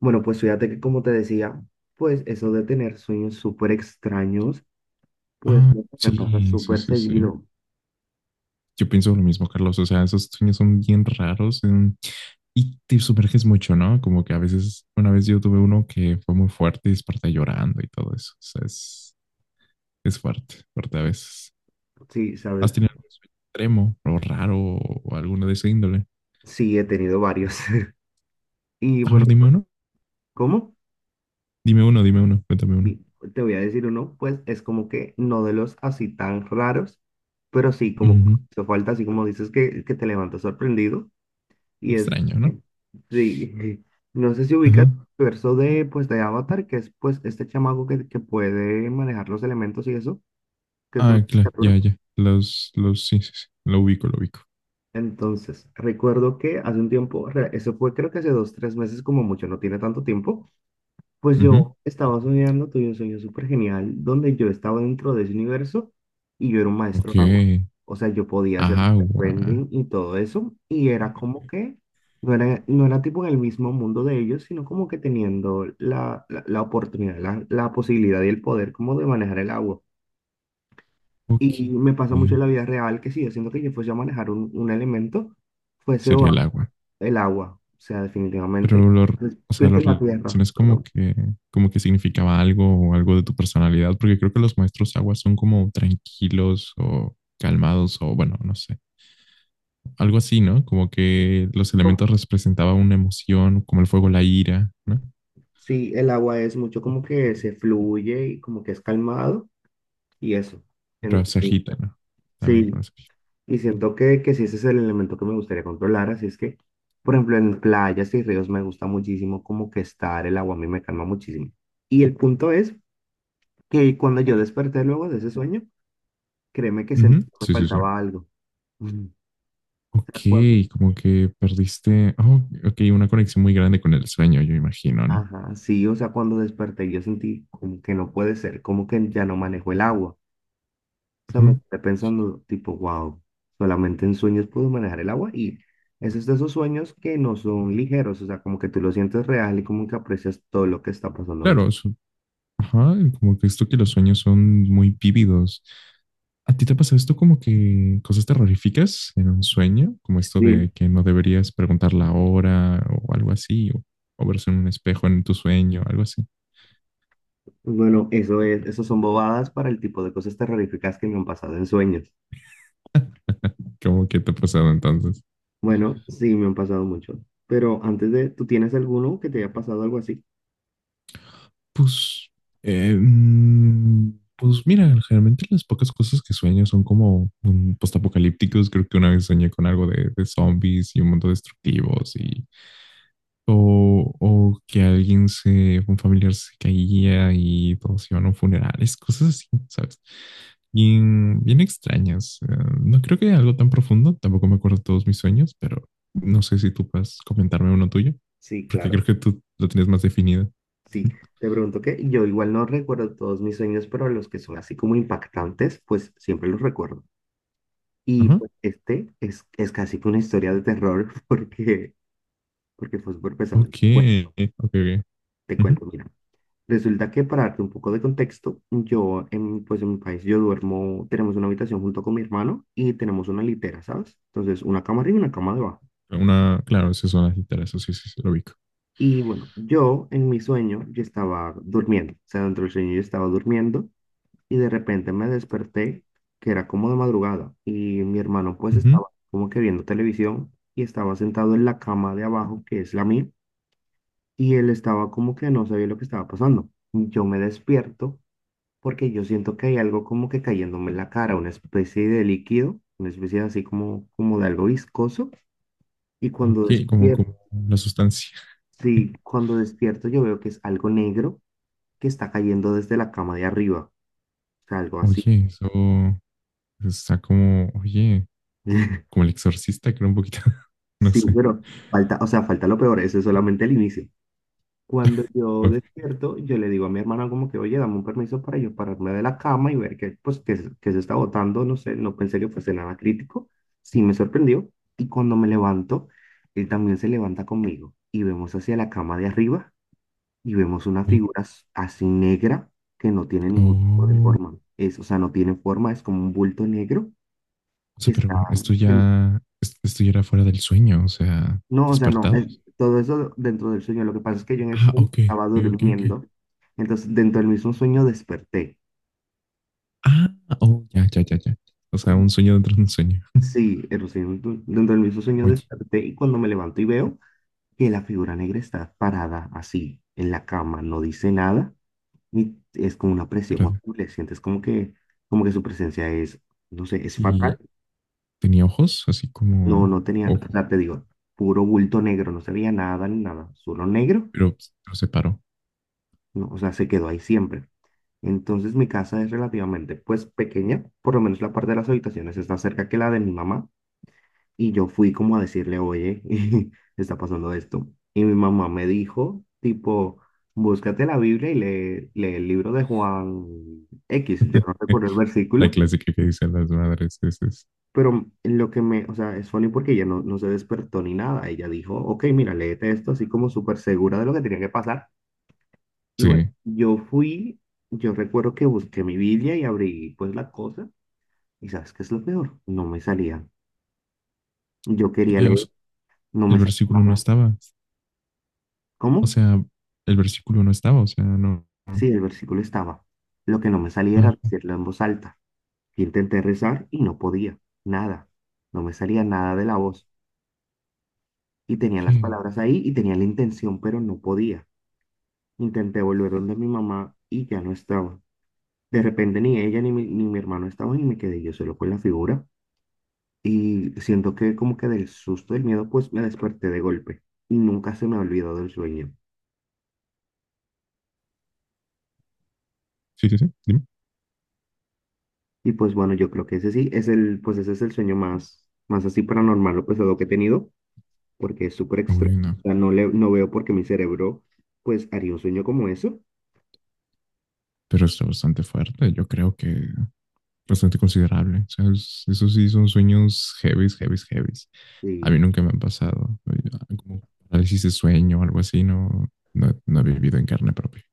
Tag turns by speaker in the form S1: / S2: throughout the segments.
S1: Bueno, pues fíjate que como te decía, pues eso de tener sueños súper extraños, pues
S2: Ah,
S1: me pasa
S2: sí, sí,
S1: súper
S2: sí, sí.
S1: seguido.
S2: Yo pienso lo mismo, Carlos. O sea, esos sueños son bien raros y te sumerges mucho, ¿no? Como que a veces, una vez yo tuve uno que fue muy fuerte y desperté llorando y todo eso. O sea, es fuerte, fuerte a veces.
S1: Sí,
S2: ¿Has
S1: sabes,
S2: tenido algún sueño extremo o raro o alguno de ese índole?
S1: sí, he tenido varios. Y
S2: A
S1: bueno,
S2: ver, dime
S1: pues,
S2: uno.
S1: ¿cómo?
S2: Dime uno, dime uno, cuéntame uno.
S1: Y te voy a decir uno, pues es como que no de los así tan raros, pero sí,
S2: Ujú.
S1: como que
S2: Muy
S1: hizo falta, así como dices que te levantas sorprendido. Y es,
S2: extraño, ¿no?
S1: eh, sí, no sé si
S2: Ajá.
S1: ubicas el verso de, pues, de Avatar, que es pues este chamaco que puede manejar los elementos y eso, que es una
S2: Ah, claro,
S1: criatura.
S2: ya, ya. Sí, sí, sí. Lo ubico, lo ubico.
S1: Entonces, recuerdo que hace un tiempo, eso fue creo que hace dos, tres meses como mucho, no tiene tanto tiempo, pues
S2: Ujú.
S1: yo estaba soñando, tuve un sueño súper genial donde yo estaba dentro de ese universo y yo era un maestro
S2: Ok.
S1: de agua. O sea, yo podía hacer
S2: Agua.
S1: bending y todo eso y era como que no era, no era tipo en el mismo mundo de ellos, sino como que teniendo la oportunidad, la posibilidad y el poder como de manejar el agua.
S2: Ok.
S1: Y me pasa mucho en la vida real que si yo siento que yo fuese a manejar un elemento, fuese o
S2: Sería el agua.
S1: el agua, o sea, definitivamente.
S2: Pero
S1: Entonces,
S2: o sea, lo
S1: piensa en la tierra,
S2: relacionas
S1: claro.
S2: como que significaba algo o algo de tu personalidad, porque creo que los maestros agua son como tranquilos o calmados o bueno, no sé, algo así, ¿no? Como que los
S1: Como...
S2: elementos representaban una emoción, como el fuego, la ira, ¿no?
S1: Sí, el agua es mucho como que se fluye y como que es calmado y eso.
S2: Pero
S1: En...
S2: se agita, ¿no? También
S1: Sí,
S2: con eso.
S1: y siento que sí, ese es el elemento que me gustaría controlar, así es que, por ejemplo, en playas y ríos me gusta muchísimo como que estar, el agua a mí me calma muchísimo. Y el punto es que cuando yo desperté luego de ese sueño, créeme que sentí
S2: Ujú,
S1: que me
S2: sí, sí, sí.
S1: faltaba algo. O sea, cuando
S2: Ok, como que perdiste, oh, ok, una conexión muy grande con el sueño, yo imagino, ¿no?
S1: ajá, sí, o sea, cuando desperté yo sentí como que no puede ser, como que ya no manejo el agua. O sea, me
S2: Ujú.
S1: quedé pensando tipo, wow, solamente en sueños puedo manejar el agua y esos de esos sueños que no son ligeros, o sea, como que tú lo sientes real y como que aprecias todo lo que está pasando en el
S2: Claro,
S1: sueño.
S2: ajá, como que esto que los sueños son muy vívidos. ¿A ti te ha pasado esto como que cosas terroríficas en un sueño? Como esto
S1: Sí,
S2: de que no deberías preguntar la hora o algo así, o verse en un espejo en tu sueño, algo así.
S1: bueno, eso es, eso son bobadas para el tipo de cosas terroríficas que me han pasado en sueños.
S2: ¿Cómo que te ha pasado entonces?
S1: Bueno, sí, me han pasado mucho, pero antes de, ¿tú tienes alguno que te haya pasado algo así?
S2: Pues, pues mira, generalmente las pocas cosas que sueño son como postapocalípticos. Creo que una vez soñé con algo de zombies y un mundo destructivos y o que un familiar se caía y todos iban a un funeral, es cosas así, ¿sabes? Bien, bien extrañas. No creo que algo tan profundo, tampoco me acuerdo todos mis sueños, pero no sé si tú puedes comentarme uno tuyo,
S1: Sí,
S2: porque creo
S1: claro.
S2: que tú lo tienes más definido.
S1: Sí, te pregunto que yo igual no recuerdo todos mis sueños, pero los que son así como impactantes, pues siempre los recuerdo. Y
S2: Ajá,
S1: pues este es casi que una historia de terror porque, porque fue súper pesado.
S2: ok,
S1: Bueno,
S2: ok, ok.
S1: te
S2: Ujú.
S1: cuento, mira. Resulta que para darte un poco de contexto, yo en, pues en mi país yo duermo, tenemos una habitación junto con mi hermano y tenemos una litera, ¿sabes? Entonces, una cama arriba y una cama debajo.
S2: Una, claro, esas son las literas, eso sí, sí, sí, lo ubico.
S1: Y bueno, yo en mi sueño, yo estaba durmiendo, o sea, dentro del sueño yo estaba durmiendo y de repente me desperté, que era como de madrugada, y mi hermano pues
S2: Ujú,
S1: estaba como que viendo televisión y estaba sentado en la cama de abajo, que es la mía, y él estaba como que no sabía lo que estaba pasando. Yo me despierto porque yo siento que hay algo como que cayéndome en la cara, una especie de líquido, una especie de así como, como de algo viscoso, y cuando
S2: ok, como,
S1: despierto,
S2: como la sustancia.
S1: sí, cuando despierto yo veo que es algo negro que está cayendo desde la cama de arriba, o sea, algo así.
S2: Oye, eso está como, oye, como el exorcista, creo un poquito, no
S1: Sí,
S2: sé.
S1: pero falta, o sea, falta lo peor, eso es solamente el inicio. Cuando yo
S2: Okay.
S1: despierto, yo le digo a mi hermana como que, oye, dame un permiso para yo pararme de la cama y ver que, pues, que se está botando, no sé, no pensé que fuese nada crítico, sí me sorprendió. Y cuando me levanto, él también se levanta conmigo y vemos hacia la cama de arriba y vemos una
S2: Oh,
S1: figura así negra que no tiene ningún tipo de
S2: oh,
S1: forma. Es, o sea, no tiene forma, es como un bulto negro
S2: o
S1: que
S2: sea,
S1: está...
S2: pero esto ya era fuera del sueño, o sea,
S1: No, o sea, no,
S2: despertados.
S1: todo eso dentro del sueño. Lo que pasa es que yo en el
S2: Ah,
S1: sueño
S2: ok,
S1: estaba
S2: ok, ok. Ok.
S1: durmiendo, entonces dentro del mismo sueño desperté.
S2: Ah, oh, ya, ya, ya, ya. O sea, un sueño dentro de un sueño.
S1: Sí, el dentro del mismo sueño
S2: Oye,
S1: desperté y cuando me levanto y veo que la figura negra está parada así en la cama, no dice nada y es como una presión
S2: espérate.
S1: horrible. Sientes como que su presencia es, no sé, es fatal.
S2: Y tenía ojos, así
S1: No,
S2: como
S1: no tenía, o
S2: ojo,
S1: sea, te digo, puro bulto negro, no se veía nada ni nada, solo negro.
S2: pero pues, no se paró.
S1: No, o sea, se quedó ahí siempre. Entonces mi casa es relativamente pues pequeña, por lo menos la parte de las habitaciones está cerca que la de mi mamá y yo fui como a decirle, oye, está pasando esto. Y mi mamá me dijo, tipo, búscate la Biblia y lee, lee el libro de Juan X. Yo no recuerdo el
S2: La
S1: versículo,
S2: clásica que dicen las madres es
S1: pero lo que me, o sea, es funny porque ella no se despertó ni nada. Ella dijo, ok, mira, léete esto así como súper segura de lo que tenía que pasar. Y bueno,
S2: sí.
S1: yo fui, yo recuerdo que busqué mi Biblia y abrí pues la cosa. ¿Y sabes qué es lo peor? No me salía. Yo quería
S2: O
S1: leer,
S2: sea,
S1: no
S2: el
S1: me salía
S2: versículo no
S1: nada.
S2: estaba. O
S1: ¿Cómo?
S2: sea, el versículo no estaba, o sea, no. No.
S1: Sí, el versículo estaba. Lo que no me salía
S2: Ah,
S1: era decirlo en voz alta. Intenté rezar y no podía. Nada. No me salía nada de la voz. Y tenía las
S2: okay.
S1: palabras ahí y tenía la intención, pero no podía. Intenté volver donde mi mamá y ya no estaba. De repente ni ella ni mi hermano estaban y me quedé yo solo con la figura. Y siento que como que del susto, del miedo, pues me desperté de golpe. Y nunca se me ha olvidado el sueño.
S2: Sí, sí, sí, dime.
S1: Y pues bueno, yo creo que ese sí es el, pues ese es el sueño más así paranormal o pesado que he tenido, porque es súper
S2: Uy,
S1: extraño.
S2: no,
S1: O sea, no le, no veo por qué mi cerebro, pues, haría un sueño como eso.
S2: pero está bastante fuerte, yo creo que bastante considerable. O sea, es- esos sí son sueños heavies, heavies, heavies. A
S1: Sí,
S2: mí nunca me han pasado. Oye, como parálisis de sueño o algo así, no, no, no he vivido en carne propia.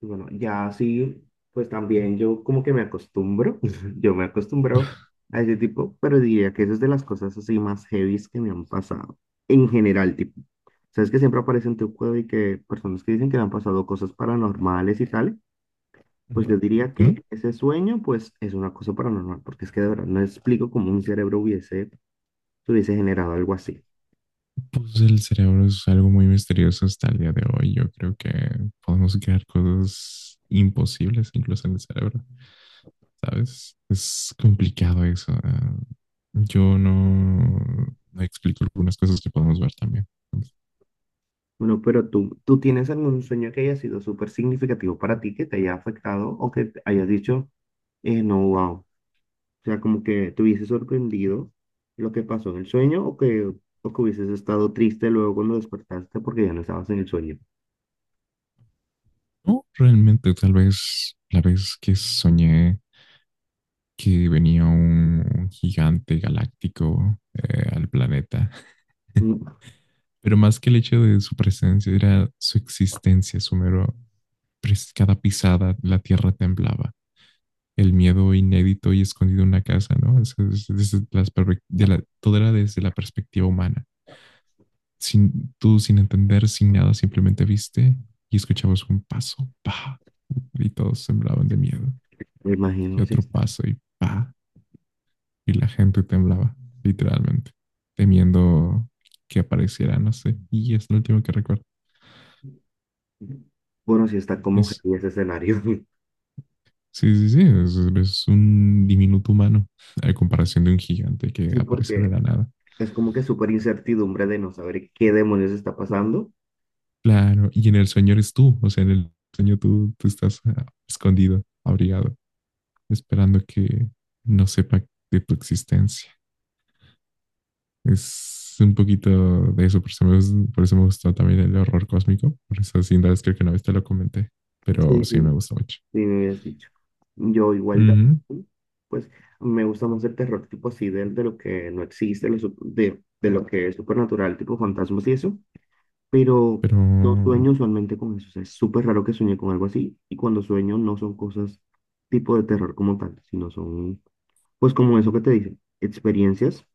S1: y bueno, ya así, pues también yo como que me acostumbro, yo me acostumbro a ese tipo, pero diría que eso es de las cosas así más heavies que me han pasado. En general, tipo, sabes que siempre aparecen en tu cueva y que personas que dicen que le han pasado cosas paranormales y tal. Pues
S2: Ujú.
S1: yo diría
S2: ¿Y ¿no?
S1: que ese sueño, pues, es una cosa paranormal, porque es que de verdad no explico cómo un cerebro hubiese, se hubiese generado algo así.
S2: Pues el cerebro es algo muy misterioso hasta el día de hoy. Yo creo que podemos crear cosas imposibles incluso en el cerebro, ¿sabes? Es complicado eso. Yo no, no explico algunas cosas que podemos ver también.
S1: Bueno, pero tú, ¿tú tienes algún sueño que haya sido súper significativo para ti, que te haya afectado o que te hayas dicho, no, ¿wow? O sea, como que te hubiese sorprendido lo que pasó en el sueño o que hubieses estado triste luego cuando despertaste porque ya no estabas en el sueño.
S2: No, realmente, tal vez la vez que soñé que venía un gigante galáctico al planeta,
S1: Mm,
S2: pero más que el hecho de su presencia era su existencia, su mero cada pisada la tierra temblaba. El miedo inédito y escondido en una casa, ¿no? Es- desde las de la- todo era desde la perspectiva humana. Sin, tú, sin entender, sin nada, simplemente viste y escuchabas un paso, pa, y todos temblaban de miedo.
S1: me
S2: Y
S1: imagino, sí.
S2: otro
S1: Está...
S2: paso y pa, y la gente temblaba, literalmente, temiendo que apareciera, no sé. Y es lo último que recuerdo.
S1: Bueno, sí está como
S2: Es
S1: heavy ese escenario.
S2: sí, sí, sí, es un diminuto humano a comparación de un gigante que
S1: Sí,
S2: aparece de
S1: porque
S2: la nada.
S1: es como que súper incertidumbre de no saber qué demonios está pasando.
S2: Claro, y en el sueño eres tú, o sea, en el sueño tú, tú estás escondido, abrigado, esperando que no sepa de tu existencia. Es un poquito de eso, por eso me, gus- por eso me gustó también el horror cósmico, por eso sin duda creo que una vez te lo comenté, pero
S1: Sí,
S2: sí me
S1: sí.
S2: gustó mucho.
S1: Sí, me habías dicho. Yo igual,
S2: Ujú,
S1: también, pues me gusta más el terror tipo así, de lo que no existe, lo de lo que es supernatural, tipo fantasmas y eso, pero
S2: pero,
S1: no sueño usualmente con eso, o sea, es súper raro que sueñe con algo así, y cuando sueño no son cosas tipo de terror como tal, sino son, pues como eso que te dicen, experiencias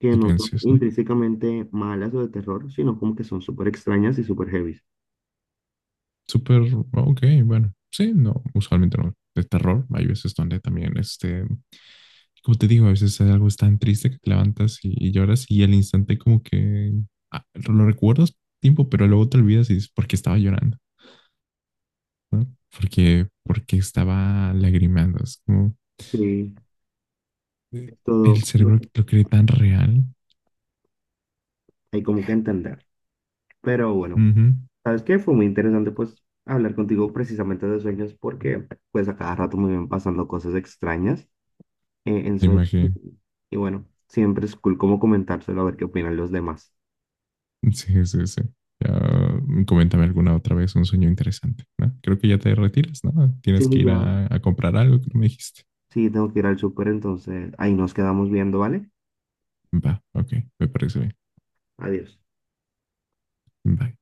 S1: que no son
S2: diferencias, ¿no?
S1: intrínsecamente malas o de terror, sino como que son súper extrañas y súper heavy.
S2: Súper, ok, bueno, sí, no, usualmente no. De terror, hay veces donde también, este, como te digo, a veces hay algo tan triste que te levantas y lloras y al instante como que lo recuerdas tiempo, pero luego te olvidas y dices, ¿por qué estaba llorando? ¿No? Porque, porque estaba lagrimando. Es como
S1: Sí,
S2: eh,
S1: es todo
S2: el
S1: no
S2: cerebro
S1: sé,
S2: lo cree tan real.
S1: hay como que entender. Pero bueno,
S2: Ujú,
S1: ¿sabes qué? Fue muy interesante pues hablar contigo precisamente de sueños porque pues a cada rato me van pasando cosas extrañas en
S2: me
S1: sueños.
S2: imagino.
S1: Y bueno, siempre es cool como comentárselo a ver qué opinan los demás.
S2: Sí, sí, sí. Ya, coméntame alguna otra vez un sueño interesante, ¿no? Creo que ya te retiras, ¿no?
S1: Sí,
S2: Tienes que ir
S1: ya,
S2: a comprar algo que no me dijiste.
S1: sí, tengo que ir al súper, entonces ahí nos quedamos viendo, ¿vale?
S2: Va, ok, me parece bien.
S1: Adiós.
S2: Bye.